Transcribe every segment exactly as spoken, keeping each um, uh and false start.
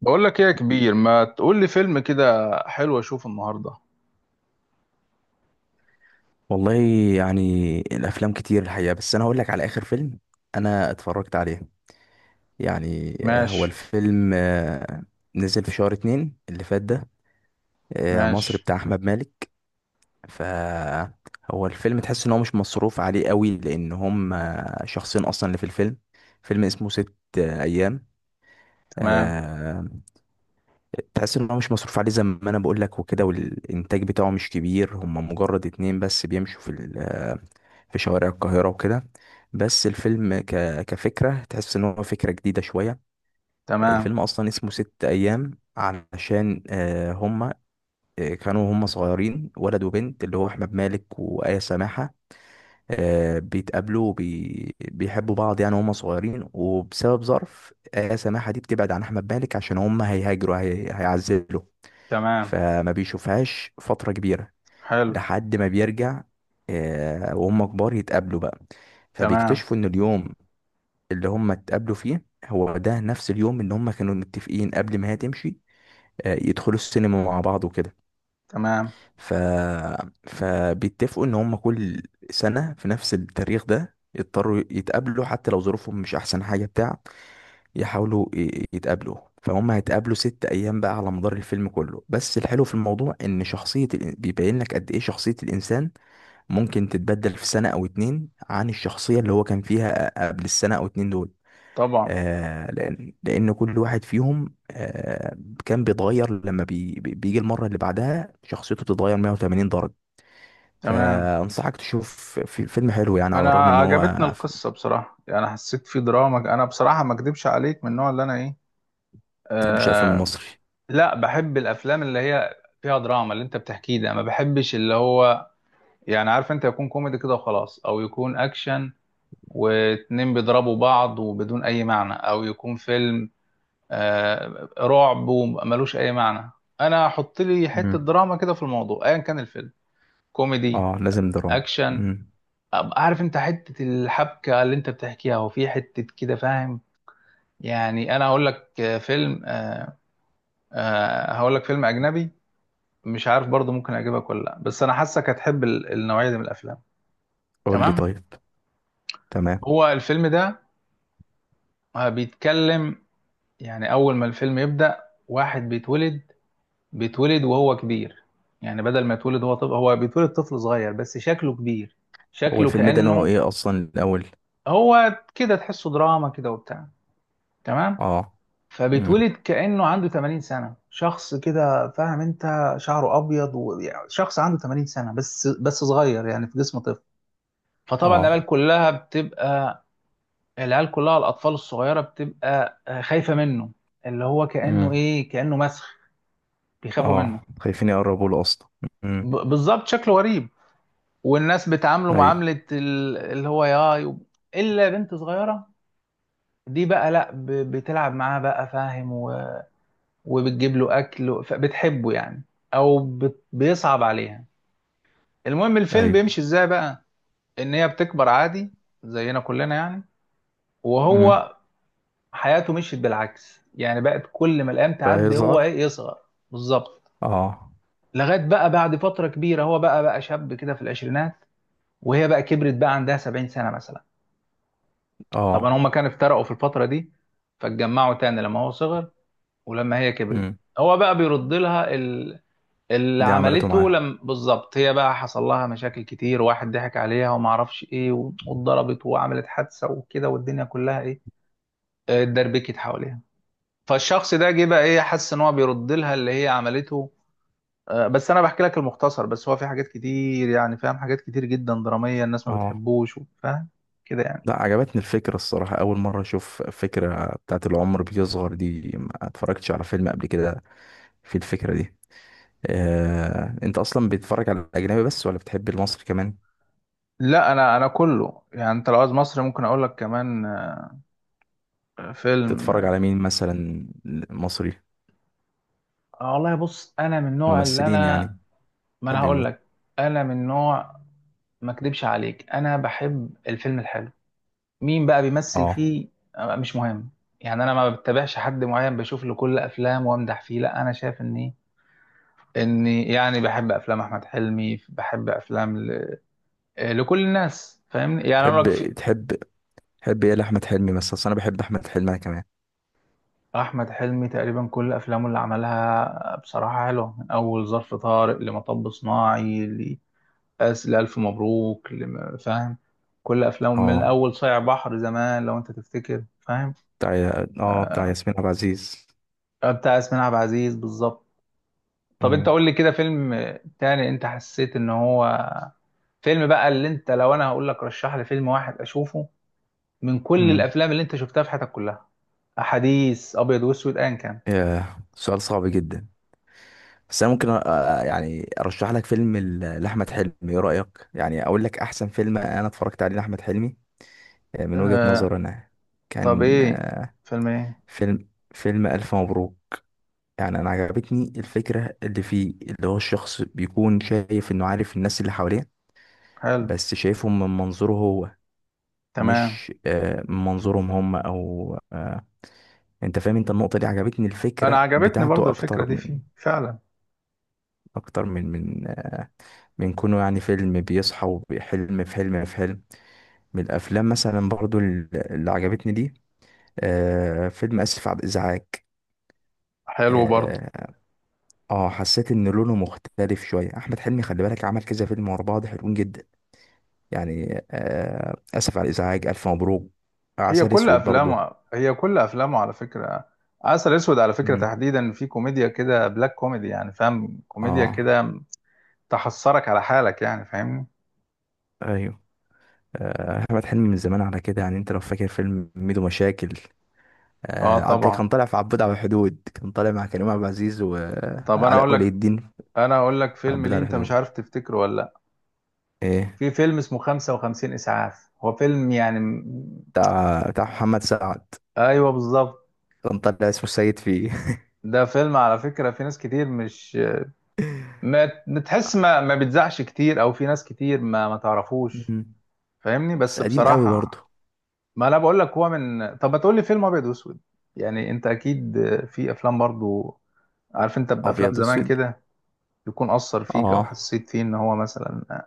بقول لك ايه يا كبير، ما تقول لي فيلم كده حلو اشوفه النهارده؟ والله. يعني الافلام كتير الحقيقه، بس انا هقول لك على اخر فيلم انا اتفرجت عليه. يعني آه، هو ماشي. الفيلم آه، نزل في شهر اتنين اللي فات ده. آه، مصري ماشي. بتاع احمد مالك. فهو الفيلم تحس ان هو مش مصروف عليه قوي، لان هم آه، شخصين اصلا اللي في الفيلم. فيلم اسمه ست آه، ايام. تمام. آه، تحس ان هو مش مصروف عليه زي ما انا بقول لك وكده، والانتاج بتاعه مش كبير، هم مجرد اتنين بس بيمشوا في ال- في شوارع القاهرة وكده. بس الفيلم ك... كفكرة تحس إن هو فكرة جديدة شوية. تمام. الفيلم أصلا اسمه ست أيام علشان آه، هما آه، كانوا هما صغيرين، ولد وبنت، اللي هو أحمد مالك وآية سماحة. آه، بيتقابلوا وبي... بيحبوا بعض، يعني هما صغيرين، وبسبب ظرف آية سماحة دي بتبعد عن أحمد مالك عشان هما هيهاجروا، هي... هيعزلوا. تمام. فما بيشوفهاش فترة كبيرة حلو. لحد ما بيرجع. آه، وهم كبار يتقابلوا بقى. تمام. فبيكتشفوا ان اليوم اللي هم اتقابلوا فيه هو ده نفس اليوم اللي هم كانوا متفقين قبل ما هي تمشي، آه، يدخلوا السينما مع بعض وكده. تمام. ف... فبيتفقوا ان هم كل سنة في نفس التاريخ ده يضطروا يتقابلوا، حتى لو ظروفهم مش احسن حاجة بتاع. يحاولوا ي- يتقابلوا. فهم هيتقابلوا ست ايام بقى على مدار الفيلم كله. بس الحلو في الموضوع ان شخصية الإن- بيبين لك قد ايه شخصية الانسان ممكن تتبدل في سنة أو اتنين عن الشخصية اللي هو كان فيها قبل السنة أو اتنين دول. طبعا. آه لأن لأن كل واحد فيهم آه كان بيتغير، لما بي بي- بيجي المرة اللي بعدها شخصيته بتتغير مية وتمانين درجة. تمام. فأنصحك تشوف، في فيلم حلو يعني على انا الرغم إن هو عجبتني ف- ما القصه بصراحه، يعني حسيت في دراما، انا بصراحه ما اكدبش عليك من النوع اللي انا ايه. بتحبش الأفلام آه المصري. لا، بحب الافلام اللي هي فيها دراما، اللي انت بتحكيه ده. ما بحبش اللي هو يعني، عارف انت، يكون كوميدي كده وخلاص، او يكون اكشن واتنين بيضربوا بعض وبدون اي معنى، او يكون فيلم آه رعب وملوش اي معنى. انا احط لي حته مم. دراما كده في الموضوع ايا كان الفيلم، كوميدي، اه، لازم دراما. اكشن، امم. أبقى عارف انت حته الحبكه اللي انت بتحكيها وفي حته كده، فاهم؟ يعني انا هقول لك آه، فيلم آه آه هقول لك فيلم اجنبي، مش عارف برضه ممكن اعجبك ولا لا، بس انا حاسك هتحب ال- النوعيه دي من الافلام. قول لي تمام. طيب. تمام. هو الفيلم ده آه، بيتكلم، يعني اول ما الفيلم يبدا، واحد بيتولد بيتولد وهو كبير، يعني بدل ما يتولد هو طفل، هو بيتولد طفل صغير بس شكله كبير، هو شكله الفيلم ده نوعه كأنه. ايه اصلا الاول؟ هو كده تحسه دراما كده وبتاع. تمام. اه. امم. فبيتولد كأنه عنده ثمانين سنة، شخص كده، فاهم انت، شعره ابيض و... يعني شخص عنده ثمانين سنة بس بس صغير، يعني في جسم طفل. فطبعا اه. العيال كلها بتبقى العيال كلها الاطفال الصغيرة بتبقى آه، خايفة منه، اللي هو كأنه امم. ايه، كأنه مسخ، بيخافوا منه. اه، خايفين يقربوا له اصلا. امم. ب... بالظبط، شكله غريب، والناس بتعامله ايوه. معاملة ال- اللي هو يا يب- إلا بنت صغيرة، دي بقى لأ، ب- بتلعب معاه بقى، فاهم، و- وبتجيب له أكل فبتحبه يعني، أو بت- بيصعب عليها. المهم الفيلم ايوه. بيمشي إزاي بقى، إن هي بتكبر عادي زينا كلنا يعني، امم. وهو حياته مشيت بالعكس، يعني بقت كل ما الأيام بقى تعدي هو يظهر. إيه، يصغر، بالظبط. اه. لغاية بقى بعد فترة كبيرة هو بقى بقى شاب كده في العشرينات، وهي بقى كبرت، بقى عندها سبعين سنة مثلا. طبعا اه. هما كانوا افترقوا في الفترة دي، فاتجمعوا تاني لما هو صغر ولما هي كبرت. امم. هو بقى بيرد لها ال... اللي دي عملته معاه؟ عملته. لم... بالظبط، هي بقى حصل لها مشاكل كتير، واحد ضحك عليها وما اعرفش ايه، و- واتضربت وعملت حادثة وكده، والدنيا كلها ايه، آه، اتدربكت حواليها. فالشخص ده جه بقى ايه، حس ان هو بيرد لها اللي هي عملته. آه، بس انا بحكي لك المختصر بس، هو في حاجات كتير، يعني فاهم، حاجات كتير جدا درامية، الناس ما اه. بتحبوش، فاهم، كده يعني. لا، عجبتني الفكرة الصراحة. أول مرة أشوف فكرة بتاعت العمر بيصغر دي، ما اتفرجتش على فيلم قبل كده في الفكرة دي. آه، أنت أصلا بتتفرج على الأجنبي بس ولا بتحب المصري كمان؟ لا، انا انا كله يعني، انت لو عايز مصري ممكن اقول لك كمان آه، تتفرج فيلم. على مين مثلا؟ مصري. آه، والله بص، انا من النوع اللي ممثلين انا، يعني؟ ما انا تحب هقول مين؟ لك، انا من نوع، ما اكدبش عليك، انا بحب الفيلم الحلو، مين بقى بيمثل اه. فيه آه، مش مهم، يعني انا ما بتابعش حد معين بشوف له كل افلام وامدح فيه، لا، انا شايف ان ايه، اني يعني بحب افلام احمد حلمي، بحب افلام ل... آه، لكل الناس، فاهمني، يعني اقول لك. تحب تحب تحب إيه لأحمد حلمي مثلا؟ أصل أنا بحب أحمد حلمي أنا كمان. احمد حلمي تقريبا كل افلامه اللي عملها بصراحه حلوه، من اول ظرف طارق، لمطب صناعي، لأس لألف مبروك، لم- فاهم، كل افلامه من اه، اول صايع بحر، زمان لو انت تفتكر، فاهم؟ بتاع. اه، بتاع ياسمين عبد العزيز. بتاع ياسمين عبد العزيز، بالظبط. طب انت قول لي كده فيلم تاني، انت حسيت ان هو فيلم بقى، اللي انت، لو انا هقول لك رشح لي فيلم واحد اشوفه من كل مم. الافلام اللي انت شفتها في حياتك كلها، احاديث، ابيض واسود، ايا كان. ياه، سؤال صعب جدا. بس انا ممكن أ- أ- يعني ارشح لك فيلم ل- لاحمد حلمي. ايه رايك يعني اقول لك احسن فيلم انا اتفرجت عليه لاحمد حلمي آه، من وجهة نظري أه. انا؟ طب كان ايه، فيلم ايه؟ فيلم فيلم الف مبروك. يعني انا عجبتني الفكره اللي فيه، اللي هو الشخص بيكون شايف انه عارف الناس اللي حواليه، حلو. بس شايفهم من منظوره هو، تمام. مش آه، من منظورهم هم او آه، انت فاهم. انت النقطه دي عجبتني، انا الفكره عجبتني بتاعته برضو الفكره اكتر دي فيه من، فعلا. اكتر من من آه، من كونه يعني فيلم بيصحى وحلم في حلم في حلم. من الافلام مثلا برضو ال- اللي عجبتني دي آه، فيلم اسف على الازعاج. حلو برضو. اه. آه، حسيت ان لونه مختلف شويه. احمد حلمي خلي بالك عمل كذا فيلم ورا بعض حلوين جدا. يعني آه، اسف على الازعاج، الف مبروك، هي عسل كل اسود برضو. افلامه هي كل افلامه على فكره، عسل اسود على فكره مم. تحديدا، في كوميديا كده، بلاك كوميدي يعني، فاهم، كوميديا اه. كده تحسرك على حالك يعني، فاهمني؟ ايوه. آه، احمد حلمي من زمان على كده. يعني انت لو فاكر فيلم ميدو مشاكل، اه، آه، عدى طبعا. كان طالع في عبود على الحدود كان طالع مع كريم عبد العزيز طب انا وعلاء اقول ولي لك، الدين. انا اقول لك فيلم، عبود ليه على انت مش الحدود. عارف تفتكره ولا لا. ايه. في فيلم اسمه خمسة وخمسين اسعاف، هو فيلم يعني م- بتاع بتاع محمد سعد. ايوه بالظبط. كان طالع اسمه السيد فيه. ده فيلم على فكره في ناس كتير مش، ما بتحس، ما ما بتزعش كتير، او في ناس كتير ما ما تعرفوش، مم. فاهمني، بس بس قديم قوي بصراحة برضه. ما انا بقول لك، هو من، طب ما تقول لي فيلم ابيض واسود، يعني انت اكيد في افلام برضو، عارف انت، بافلام ابيض زمان واسود. كده يكون اثر فيك، او اه. حسيت فيه ان هو مثلا.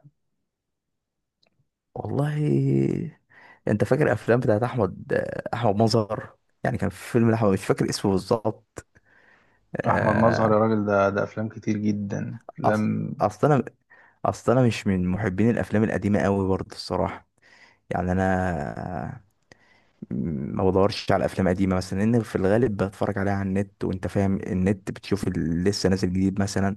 والله، انت فاكر افلام بتاعت احمد احمد مظهر. يعني كان في فيلم لاحمد مش فاكر اسمه بالظبط احمد مظهر يا آه، راجل، ده ده افلام كتير جدا، أص... لم. اصل انا اصل انا مش من محبين الافلام القديمه قوي برضه الصراحه. يعني انا ما بدورش على افلام قديمه مثلا لان في الغالب بتفرج عليها على النت، وانت فاهم النت، بتشوف اللي لسه نازل جديد مثلا.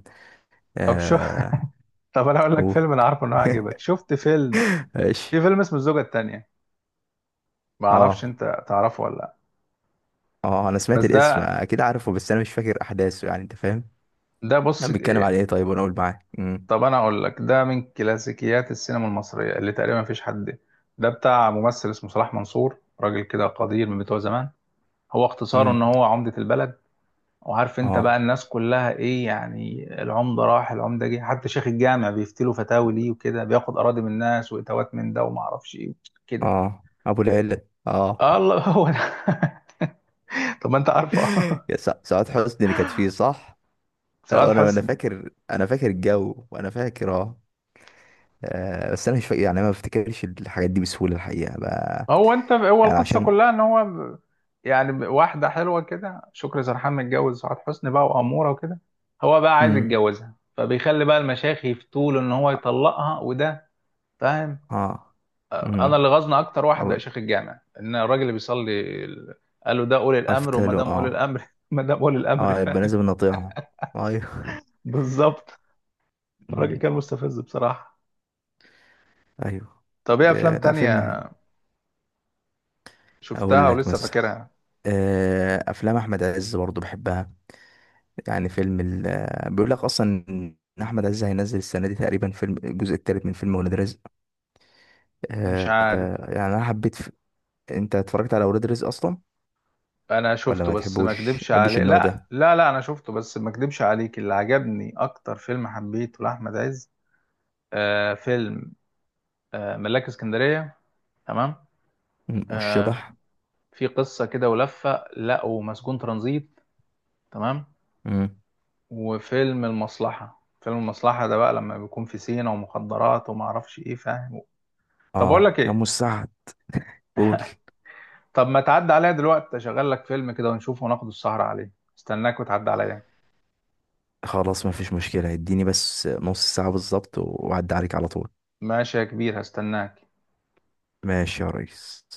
طب شو. آه. طب انا اقول لك قول. فيلم انا عارفه انه هيعجبك. شفت فيلم ماشي. في فيلم اسمه الزوجة التانية، ما اعرفش اه. انت تعرفه ولا لا، اه، انا سمعت بس الاسم ده. اكيد، عارفه، بس انا مش فاكر احداثه يعني. انت فاهم ده انا بص، بيتكلم على ايه طيب؟ وانا اقول معاك. امم. طب انا اقول لك، ده من كلاسيكيات السينما المصريه اللي تقريبا مفيش حد، ده بتاع ممثل اسمه صلاح منصور، راجل كده قدير من بتوع زمان. هو اختصاره امم. ان هو عمده البلد، وعارف انت بقى اه. الناس كلها ايه، يعني العمده راح العمده جه، حتى شيخ الجامع بيفتلوا فتاوي ليه وكده، بياخد اراضي من الناس واتاوات من ده وما اعرفش ايه كده. اه، ابو العلة. اه. الله، هو ده. طب ما انت عارفه. يا سع- سعاد حسني اللي كانت فيه صح؟ آه، سعاد وانا انا حسني. فاكر، انا فاكر الجو، وانا فاكر اه آه، بس انا مش فاكر يعني، أنا ما بفتكرش الحاجات دي بسهوله الحقيقه بقى. هو انت، هو يعني القصه عشان. كلها ان هو ب- يعني ب- واحده حلوه كده شكري سرحان متجوز سعاد حسني بقى، واموره وكده، هو بقى عايز امم. يتجوزها، فبيخلي بقى المشايخ يفتوا له ان هو يطلقها وده، فاهم. اه. آه، انا امم. اللي غاظنا اكتر او. واحد شيخ الجامع، ان الراجل اللي بيصلي ال- قال له ده اولي الامر، وما افتله دام اه. اولي الامر ما دام اولي الامر اه، يبقى فاهم، لازم نطيعه. ايوه. بالظبط. الراجل أمم. كان مستفز بصراحه. ايوه. طب ايه ب- افلام لا، فيلم حلو. تانية اقول شفتها لك ولسه مثلا فاكرها؟ آه، افلام احمد عز برضو بحبها. يعني فيلم ال... آه، بيقول لك اصلا ان احمد عز هينزل السنه دي تقريبا فيلم الجزء الثالث من فيلم ولاد رزق. مش آه، عارف. آه، يعني انا حبيت ف... انت اتفرجت على ولاد رزق اصلا؟ انا ولا شفته، ما بس ما تحبوش اكدبش تحبش عليه، النوع لا، ده؟ لا، لا، انا شفته بس ما اكدبش عليك، اللي عجبني اكتر فيلم حبيته لاحمد عز آه فيلم، آه ملاك اسكندريه. تمام. مم، آه والشبح. في قصه كده ولفه لقوا مسجون ترانزيت. تمام. مم. وفيلم المصلحه، فيلم المصلحه ده بقى لما بيكون في سينا ومخدرات وما اعرفش ايه، فاهم. طب اقول اه، لك يا ام ايه، السعد. قول. طب ما تعدي عليا دلوقتي اشغل لك فيلم كده ونشوفه وناخد السهره عليه، استناك وتعدي عليا. خلاص، ما فيش مشكلة. اديني بس نص ساعة بالظبط وأعدي عليك على طول. ماشي يا كبير، هستناك. ماشي يا ريس.